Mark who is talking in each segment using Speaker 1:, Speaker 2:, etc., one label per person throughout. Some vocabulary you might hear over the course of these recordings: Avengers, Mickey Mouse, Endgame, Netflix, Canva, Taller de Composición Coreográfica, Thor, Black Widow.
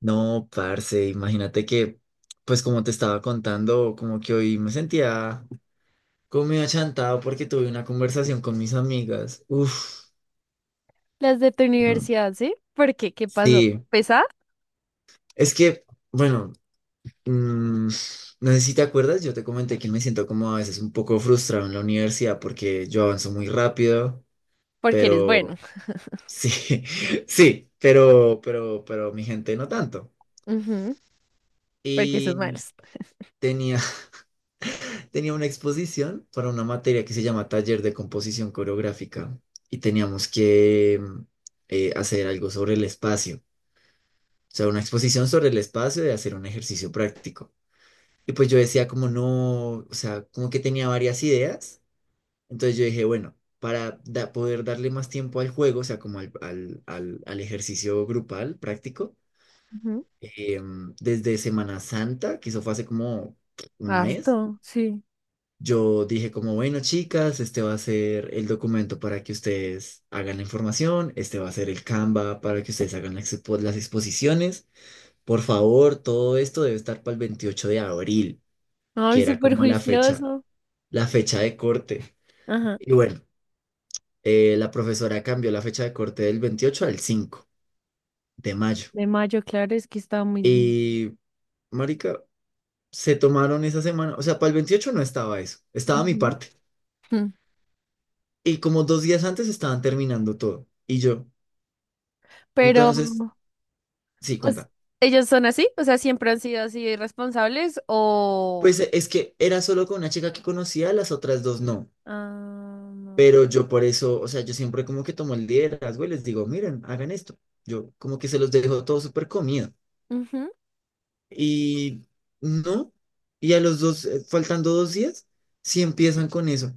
Speaker 1: No, parce, imagínate que, pues como te estaba contando, como que hoy me sentía como medio achantado porque tuve una conversación con mis amigas. Uf,
Speaker 2: Las de tu
Speaker 1: no.
Speaker 2: universidad, ¿sí? ¿Por qué? ¿Qué pasó?
Speaker 1: Sí,
Speaker 2: ¿Pesa?
Speaker 1: es que, bueno, mm, no sé si te acuerdas, yo te comenté que me siento como a veces un poco frustrado en la universidad porque yo avanzo muy rápido,
Speaker 2: Porque eres bueno.
Speaker 1: pero sí, sí, pero mi gente no tanto.
Speaker 2: Ujú. Porque sos
Speaker 1: Y
Speaker 2: malos.
Speaker 1: tenía, tenía una exposición para una materia que se llama Taller de Composición Coreográfica y teníamos que hacer algo sobre el espacio, o sea, una exposición sobre el espacio y hacer un ejercicio práctico. Y pues yo decía como no, o sea, como que tenía varias ideas, entonces yo dije, bueno, para poder darle más tiempo al juego, o sea, como al ejercicio grupal práctico,
Speaker 2: Ujú.
Speaker 1: desde Semana Santa, que eso fue hace como un mes.
Speaker 2: Harto, sí.
Speaker 1: Yo dije como, bueno, chicas, este va a ser el documento para que ustedes hagan la información, este va a ser el Canva para que ustedes hagan las exposiciones. Por favor, todo esto debe estar para el 28 de abril,
Speaker 2: Ay,
Speaker 1: que era
Speaker 2: súper
Speaker 1: como la fecha,
Speaker 2: juicioso.
Speaker 1: la fecha de corte.
Speaker 2: Ajá.
Speaker 1: Y bueno, la profesora cambió la fecha de corte del 28 al 5 de mayo.
Speaker 2: De mayo, claro, es que está muy.
Speaker 1: Y, marica, se tomaron esa semana, o sea, para el 28 no estaba eso, estaba mi
Speaker 2: Ujú.
Speaker 1: parte.
Speaker 2: Mm.
Speaker 1: Y como 2 días antes estaban terminando todo. Y yo.
Speaker 2: Pero,
Speaker 1: Entonces, sí,
Speaker 2: pues,
Speaker 1: cuenta.
Speaker 2: ¿ellos son así? O sea, ¿siempre han sido así de irresponsables o...?
Speaker 1: Pues es que era solo con una chica que conocía, las otras dos no.
Speaker 2: Ah, no,
Speaker 1: Pero
Speaker 2: claro.
Speaker 1: yo por eso, o sea, yo siempre como que tomo el liderazgo y les digo, miren, hagan esto. Yo como que se los dejo todo súper comido.
Speaker 2: Ujú.
Speaker 1: Y no, y a los dos, faltando 2 días, sí empiezan con eso.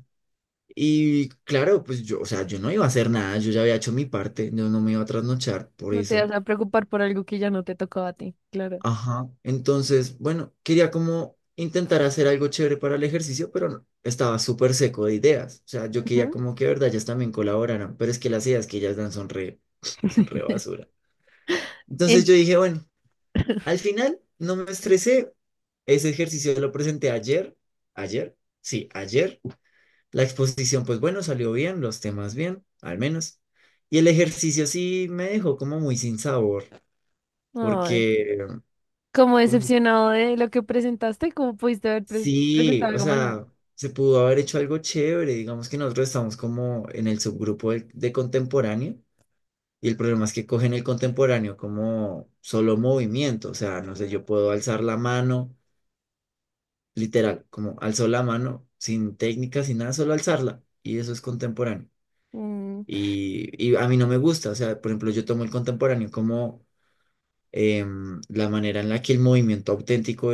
Speaker 1: Y claro, pues yo, o sea, yo no iba a hacer nada, yo ya había hecho mi parte, yo no me iba a trasnochar por
Speaker 2: No te
Speaker 1: eso.
Speaker 2: vas a preocupar por algo que ya no te tocó a ti, claro.
Speaker 1: Ajá. Entonces, bueno, quería como intentar hacer algo chévere para el ejercicio, pero no, estaba súper seco de ideas. O sea, yo quería
Speaker 2: Ujú.
Speaker 1: como que, de verdad, ellas también colaboraran, pero es que las ideas que ellas dan son re, son re basura. Entonces
Speaker 2: En-
Speaker 1: yo dije, bueno, al final no me estresé. Ese ejercicio lo presenté ayer, ayer, sí, ayer. La exposición, pues bueno, salió bien, los temas bien, al menos. Y el ejercicio sí me dejó como muy sin sabor,
Speaker 2: Ay.
Speaker 1: porque
Speaker 2: Como
Speaker 1: como.
Speaker 2: decepcionado de lo que presentaste, como pudiste haber
Speaker 1: Sí,
Speaker 2: presentado
Speaker 1: o
Speaker 2: algo mejor.
Speaker 1: sea, se pudo haber hecho algo chévere. Digamos que nosotros estamos como en el subgrupo de contemporáneo y el problema es que cogen el contemporáneo como solo movimiento. O sea, no sé, yo puedo alzar la mano, literal, como alzó la mano sin técnica, sin nada, solo alzarla y eso es contemporáneo.
Speaker 2: Mm,
Speaker 1: Y a mí no me gusta. O sea, por ejemplo, yo tomo el contemporáneo como la manera en la que el movimiento auténtico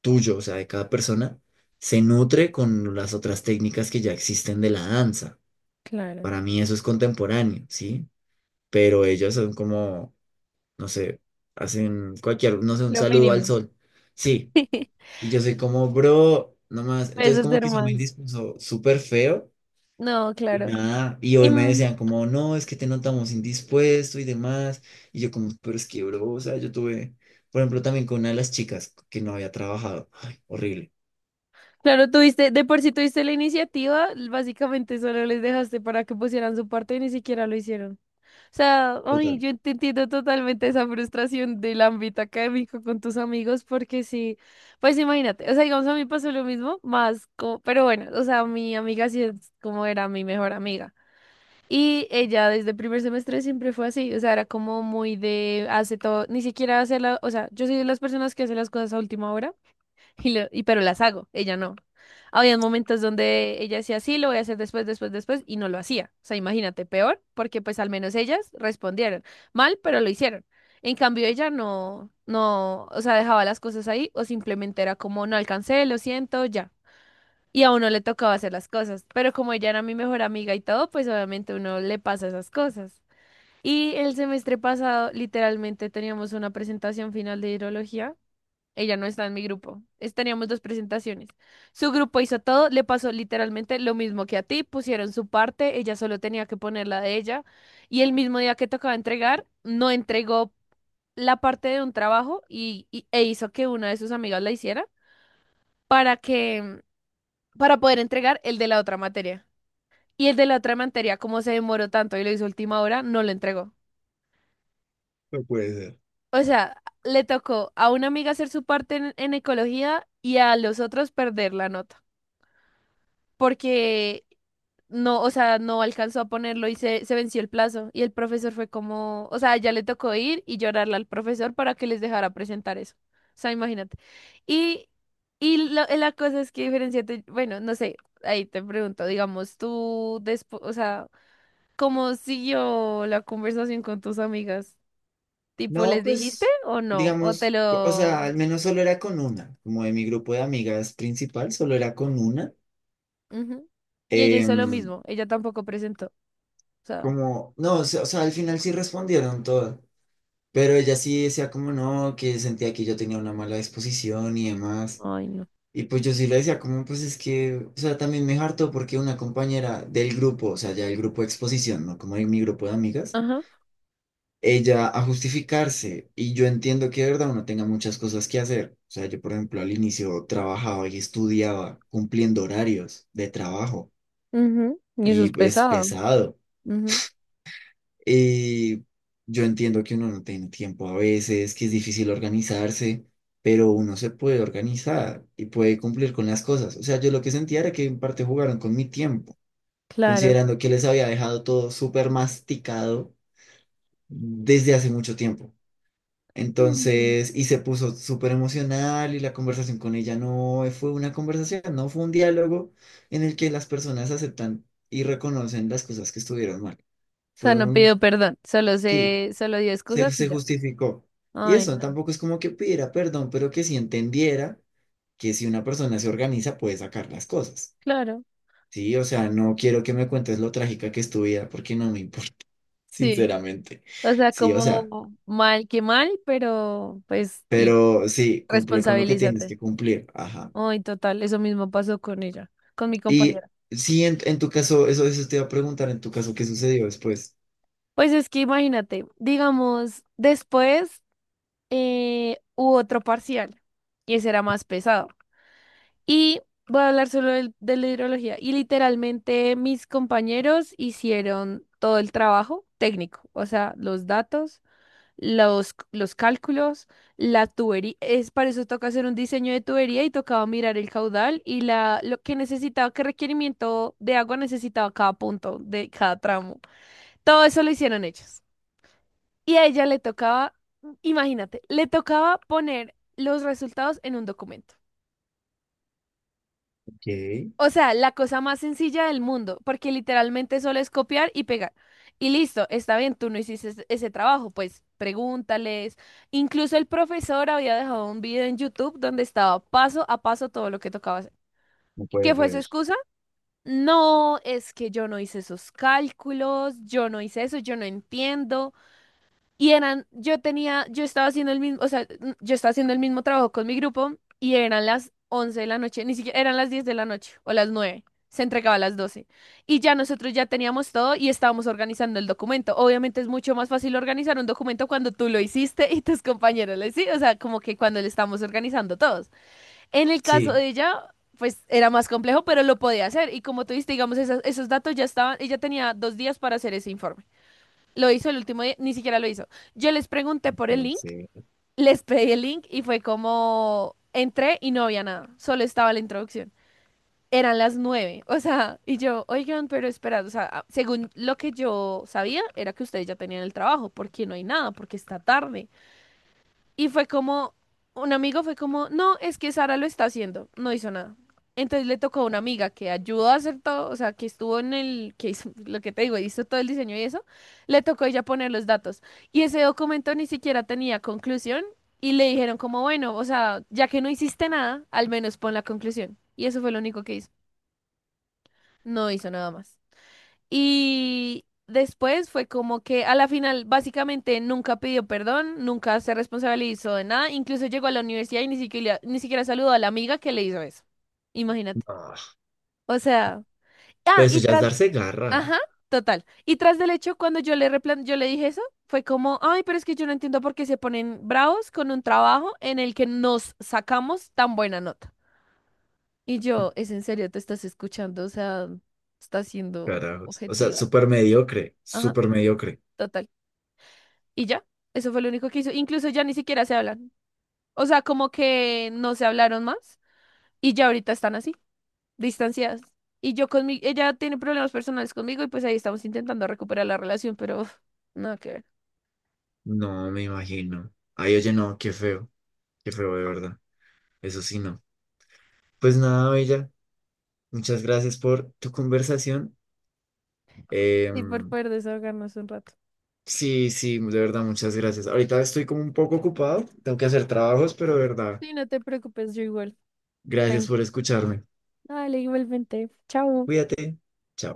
Speaker 1: tuyo, o sea, de cada persona, se nutre con las otras técnicas que ya existen de la danza.
Speaker 2: claro.
Speaker 1: Para mí eso es contemporáneo, ¿sí? Pero ellos son como, no sé, hacen cualquier, no sé, un
Speaker 2: Lo
Speaker 1: saludo al
Speaker 2: mínimo.
Speaker 1: sol. Sí, y yo soy como, bro, nomás.
Speaker 2: Puedes
Speaker 1: Entonces como
Speaker 2: hacer
Speaker 1: que hizo me
Speaker 2: más.
Speaker 1: indispuso súper feo.
Speaker 2: No,
Speaker 1: Y
Speaker 2: claro.
Speaker 1: nada, y
Speaker 2: Y,
Speaker 1: hoy me decían como, no, es que te notamos indispuesto y demás. Y yo como, pero es que, bro, o sea, yo tuve, por ejemplo, también con una de las chicas que no había trabajado. Ay, horrible.
Speaker 2: claro, tuviste, de por sí tuviste la iniciativa, básicamente solo les dejaste para que pusieran su parte y ni siquiera lo hicieron. O sea, ay,
Speaker 1: Total.
Speaker 2: yo te entiendo totalmente esa frustración del ámbito académico con tus amigos, porque sí, pues imagínate, o sea, digamos, a mí pasó lo mismo, más como, pero bueno, o sea, mi amiga sí es como era mi mejor amiga. Y ella desde el primer semestre siempre fue así, o sea, era como muy de hace todo, ni siquiera hace la, o sea, yo soy de las personas que hace las cosas a última hora y pero las hago, ella no. Había momentos donde ella decía, sí, lo voy a hacer después, después, después, y no lo hacía. O sea, imagínate, peor, porque pues al menos ellas respondieron mal, pero lo hicieron. En cambio, ella no, no, o sea, dejaba las cosas ahí o simplemente era como, no alcancé, lo siento, ya. Y a uno le tocaba hacer las cosas, pero como ella era mi mejor amiga y todo, pues obviamente uno le pasa esas cosas. Y el semestre pasado, literalmente teníamos una presentación final de hidrología. Ella no está en mi grupo. Teníamos dos presentaciones. Su grupo hizo todo, le pasó literalmente lo mismo que a ti, pusieron su parte, ella solo tenía que poner la de ella. Y el mismo día que tocaba entregar, no entregó la parte de un trabajo e hizo que una de sus amigas la hiciera para que, para poder entregar el de la otra materia. Y el de la otra materia, como se demoró tanto y lo hizo a última hora, no lo entregó.
Speaker 1: No puede ser.
Speaker 2: O sea, le tocó a una amiga hacer su parte en ecología y a los otros perder la nota. Porque no, o sea, no alcanzó a ponerlo y se venció el plazo. Y el profesor fue como, o sea, ya le tocó ir y llorarle al profesor para que les dejara presentar eso. O sea, imagínate. Y, y la cosa es que diferenciate, bueno, no sé, ahí te pregunto, digamos, tú después, o sea. ¿Cómo siguió la conversación con tus amigas? ¿Tipo,
Speaker 1: No,
Speaker 2: les dijiste
Speaker 1: pues,
Speaker 2: o no? ¿O te
Speaker 1: digamos, o sea,
Speaker 2: lo...?
Speaker 1: al menos solo era con una, como de mi grupo de amigas principal, solo era con una.
Speaker 2: Ujú. Y ella hizo lo
Speaker 1: Em,
Speaker 2: mismo, ella tampoco presentó. O sea,
Speaker 1: Como, no, o sea, al final sí respondieron todas, pero ella sí decía como no, que sentía que yo tenía una mala disposición y demás.
Speaker 2: ay, no.
Speaker 1: Y pues yo sí le decía como, pues es que, o sea, también me hartó porque una compañera del grupo, o sea, ya del grupo de exposición, ¿no? Como de mi grupo de amigas
Speaker 2: Ajá.
Speaker 1: ella a justificarse. Y yo entiendo que de verdad uno tenga muchas cosas que hacer. O sea, yo, por ejemplo, al inicio trabajaba y estudiaba cumpliendo horarios de trabajo
Speaker 2: Ujú. Y eso es
Speaker 1: y es
Speaker 2: pesado.
Speaker 1: pesado.
Speaker 2: Ujú.
Speaker 1: Y yo entiendo que uno no tiene tiempo a veces, que es difícil organizarse, pero uno se puede organizar y puede cumplir con las cosas. O sea, yo lo que sentía era que en parte jugaron con mi tiempo,
Speaker 2: Claro.
Speaker 1: considerando que les había dejado todo súper masticado desde hace mucho tiempo.
Speaker 2: Mm.
Speaker 1: Entonces, y se puso súper emocional y la conversación con ella no fue una conversación, no fue un diálogo en el que las personas aceptan y reconocen las cosas que estuvieron mal.
Speaker 2: O sea,
Speaker 1: Fue
Speaker 2: no
Speaker 1: un,
Speaker 2: pidió perdón, solo
Speaker 1: sí,
Speaker 2: se, solo dio
Speaker 1: se,
Speaker 2: excusas y
Speaker 1: se
Speaker 2: ya.
Speaker 1: justificó. Y
Speaker 2: Ay,
Speaker 1: eso
Speaker 2: no.
Speaker 1: tampoco es como que pidiera perdón, pero que sí entendiera que si una persona se organiza puede sacar las cosas.
Speaker 2: Claro,
Speaker 1: Sí, o sea, no quiero que me cuentes lo trágica que es tu vida porque no me importa,
Speaker 2: sí.
Speaker 1: sinceramente.
Speaker 2: O sea,
Speaker 1: Sí, o sea,
Speaker 2: como mal que mal, pero pues, y
Speaker 1: pero sí, cumple con lo que tienes
Speaker 2: responsabilízate.
Speaker 1: que cumplir. Ajá.
Speaker 2: Ay, total, eso mismo pasó con ella, con mi
Speaker 1: Y
Speaker 2: compañera.
Speaker 1: sí, en tu caso, eso te iba a preguntar, en tu caso, ¿qué sucedió después?
Speaker 2: Pues es que imagínate, digamos, después hubo otro parcial y ese era más pesado. Y voy a hablar solo de la hidrología. Y literalmente mis compañeros hicieron todo el trabajo técnico, o sea, los datos, los cálculos, la tubería. Es para eso toca hacer un diseño de tubería y tocaba mirar el caudal y lo que necesitaba, qué requerimiento de agua necesitaba cada punto de cada tramo. Todo eso lo hicieron ellos. Y a ella le tocaba, imagínate, le tocaba poner los resultados en un documento.
Speaker 1: Ok.
Speaker 2: O sea, la cosa más sencilla del mundo, porque literalmente solo es copiar y pegar. Y listo, está bien, tú no hiciste ese trabajo, pues pregúntales. Incluso el profesor había dejado un video en YouTube donde estaba paso a paso todo lo que tocaba hacer.
Speaker 1: No puede
Speaker 2: ¿Qué fue
Speaker 1: ser.
Speaker 2: su excusa? No, es que yo no hice esos cálculos, yo no hice eso, yo no entiendo. Y eran, yo tenía, yo estaba haciendo el mismo, o sea, yo estaba haciendo el mismo trabajo con mi grupo y eran las 11 de la noche, ni siquiera eran las 10 de la noche o las 9 se entregaba a las 12. Y ya nosotros ya teníamos todo y estábamos organizando el documento. Obviamente es mucho más fácil organizar un documento cuando tú lo hiciste y tus compañeros lo hicieron, o sea, como que cuando le estamos organizando todos. En el caso
Speaker 1: Sí.
Speaker 2: de ella, pues era más complejo, pero lo podía hacer. Y como tú dijiste, digamos, esos datos ya estaban, ella tenía 2 días para hacer ese informe. Lo hizo el último día, ni siquiera lo hizo. Yo les pregunté
Speaker 1: No
Speaker 2: por el
Speaker 1: puede
Speaker 2: link,
Speaker 1: ser.
Speaker 2: les pedí el link y fue como entré y no había nada, solo estaba la introducción. Eran las 9, o sea, y yo, oigan, pero esperad, o sea, según lo que yo sabía, era que ustedes ya tenían el trabajo, porque no hay nada, porque está tarde. Y fue como, un amigo fue como, no, es que Sara lo está haciendo, no hizo nada. Entonces le tocó a una amiga que ayudó a hacer todo, o sea, que estuvo en el, que hizo, lo que te digo, hizo todo el diseño y eso, le tocó a ella poner los datos. Y ese documento ni siquiera tenía conclusión y le dijeron como, bueno, o sea, ya que no hiciste nada, al menos pon la conclusión. Y eso fue lo único que hizo, no hizo nada más. Y después fue como que a la final básicamente nunca pidió perdón, nunca se responsabilizó de nada, incluso llegó a la universidad y ni siquiera, ni siquiera saludó a la amiga que le hizo eso. Imagínate.
Speaker 1: Ah,
Speaker 2: O sea, ah,
Speaker 1: pero eso
Speaker 2: y
Speaker 1: ya es
Speaker 2: tras,
Speaker 1: darse garra.
Speaker 2: ajá, total. Y tras del hecho, cuando yo le dije eso, fue como, ay, pero es que yo no entiendo por qué se ponen bravos con un trabajo en el que nos sacamos tan buena nota. Y yo, ¿es en serio? ¿Te estás escuchando? O sea, estás siendo
Speaker 1: Carajos. O sea,
Speaker 2: objetiva.
Speaker 1: súper mediocre,
Speaker 2: Ajá,
Speaker 1: súper mediocre.
Speaker 2: total. Y ya, eso fue lo único que hizo. Incluso ya ni siquiera se hablan. O sea, como que no se hablaron más y ya ahorita están así, distanciadas. Y yo conmigo, ella tiene problemas personales conmigo y pues ahí estamos intentando recuperar la relación, pero uf, nada que ver.
Speaker 1: No me imagino. Ay, oye, no, qué feo de verdad. Eso sí, no. Pues nada, Bella, muchas gracias por tu conversación.
Speaker 2: Sí, por
Speaker 1: Em,
Speaker 2: poder desahogarnos un rato.
Speaker 1: sí, sí, de verdad, muchas gracias. Ahorita estoy como un poco ocupado, tengo que hacer trabajos, pero de verdad,
Speaker 2: Sí, no te preocupes, yo igual.
Speaker 1: gracias
Speaker 2: Tranqui.
Speaker 1: por escucharme.
Speaker 2: Dale, igualmente. Chao.
Speaker 1: Cuídate. Chao.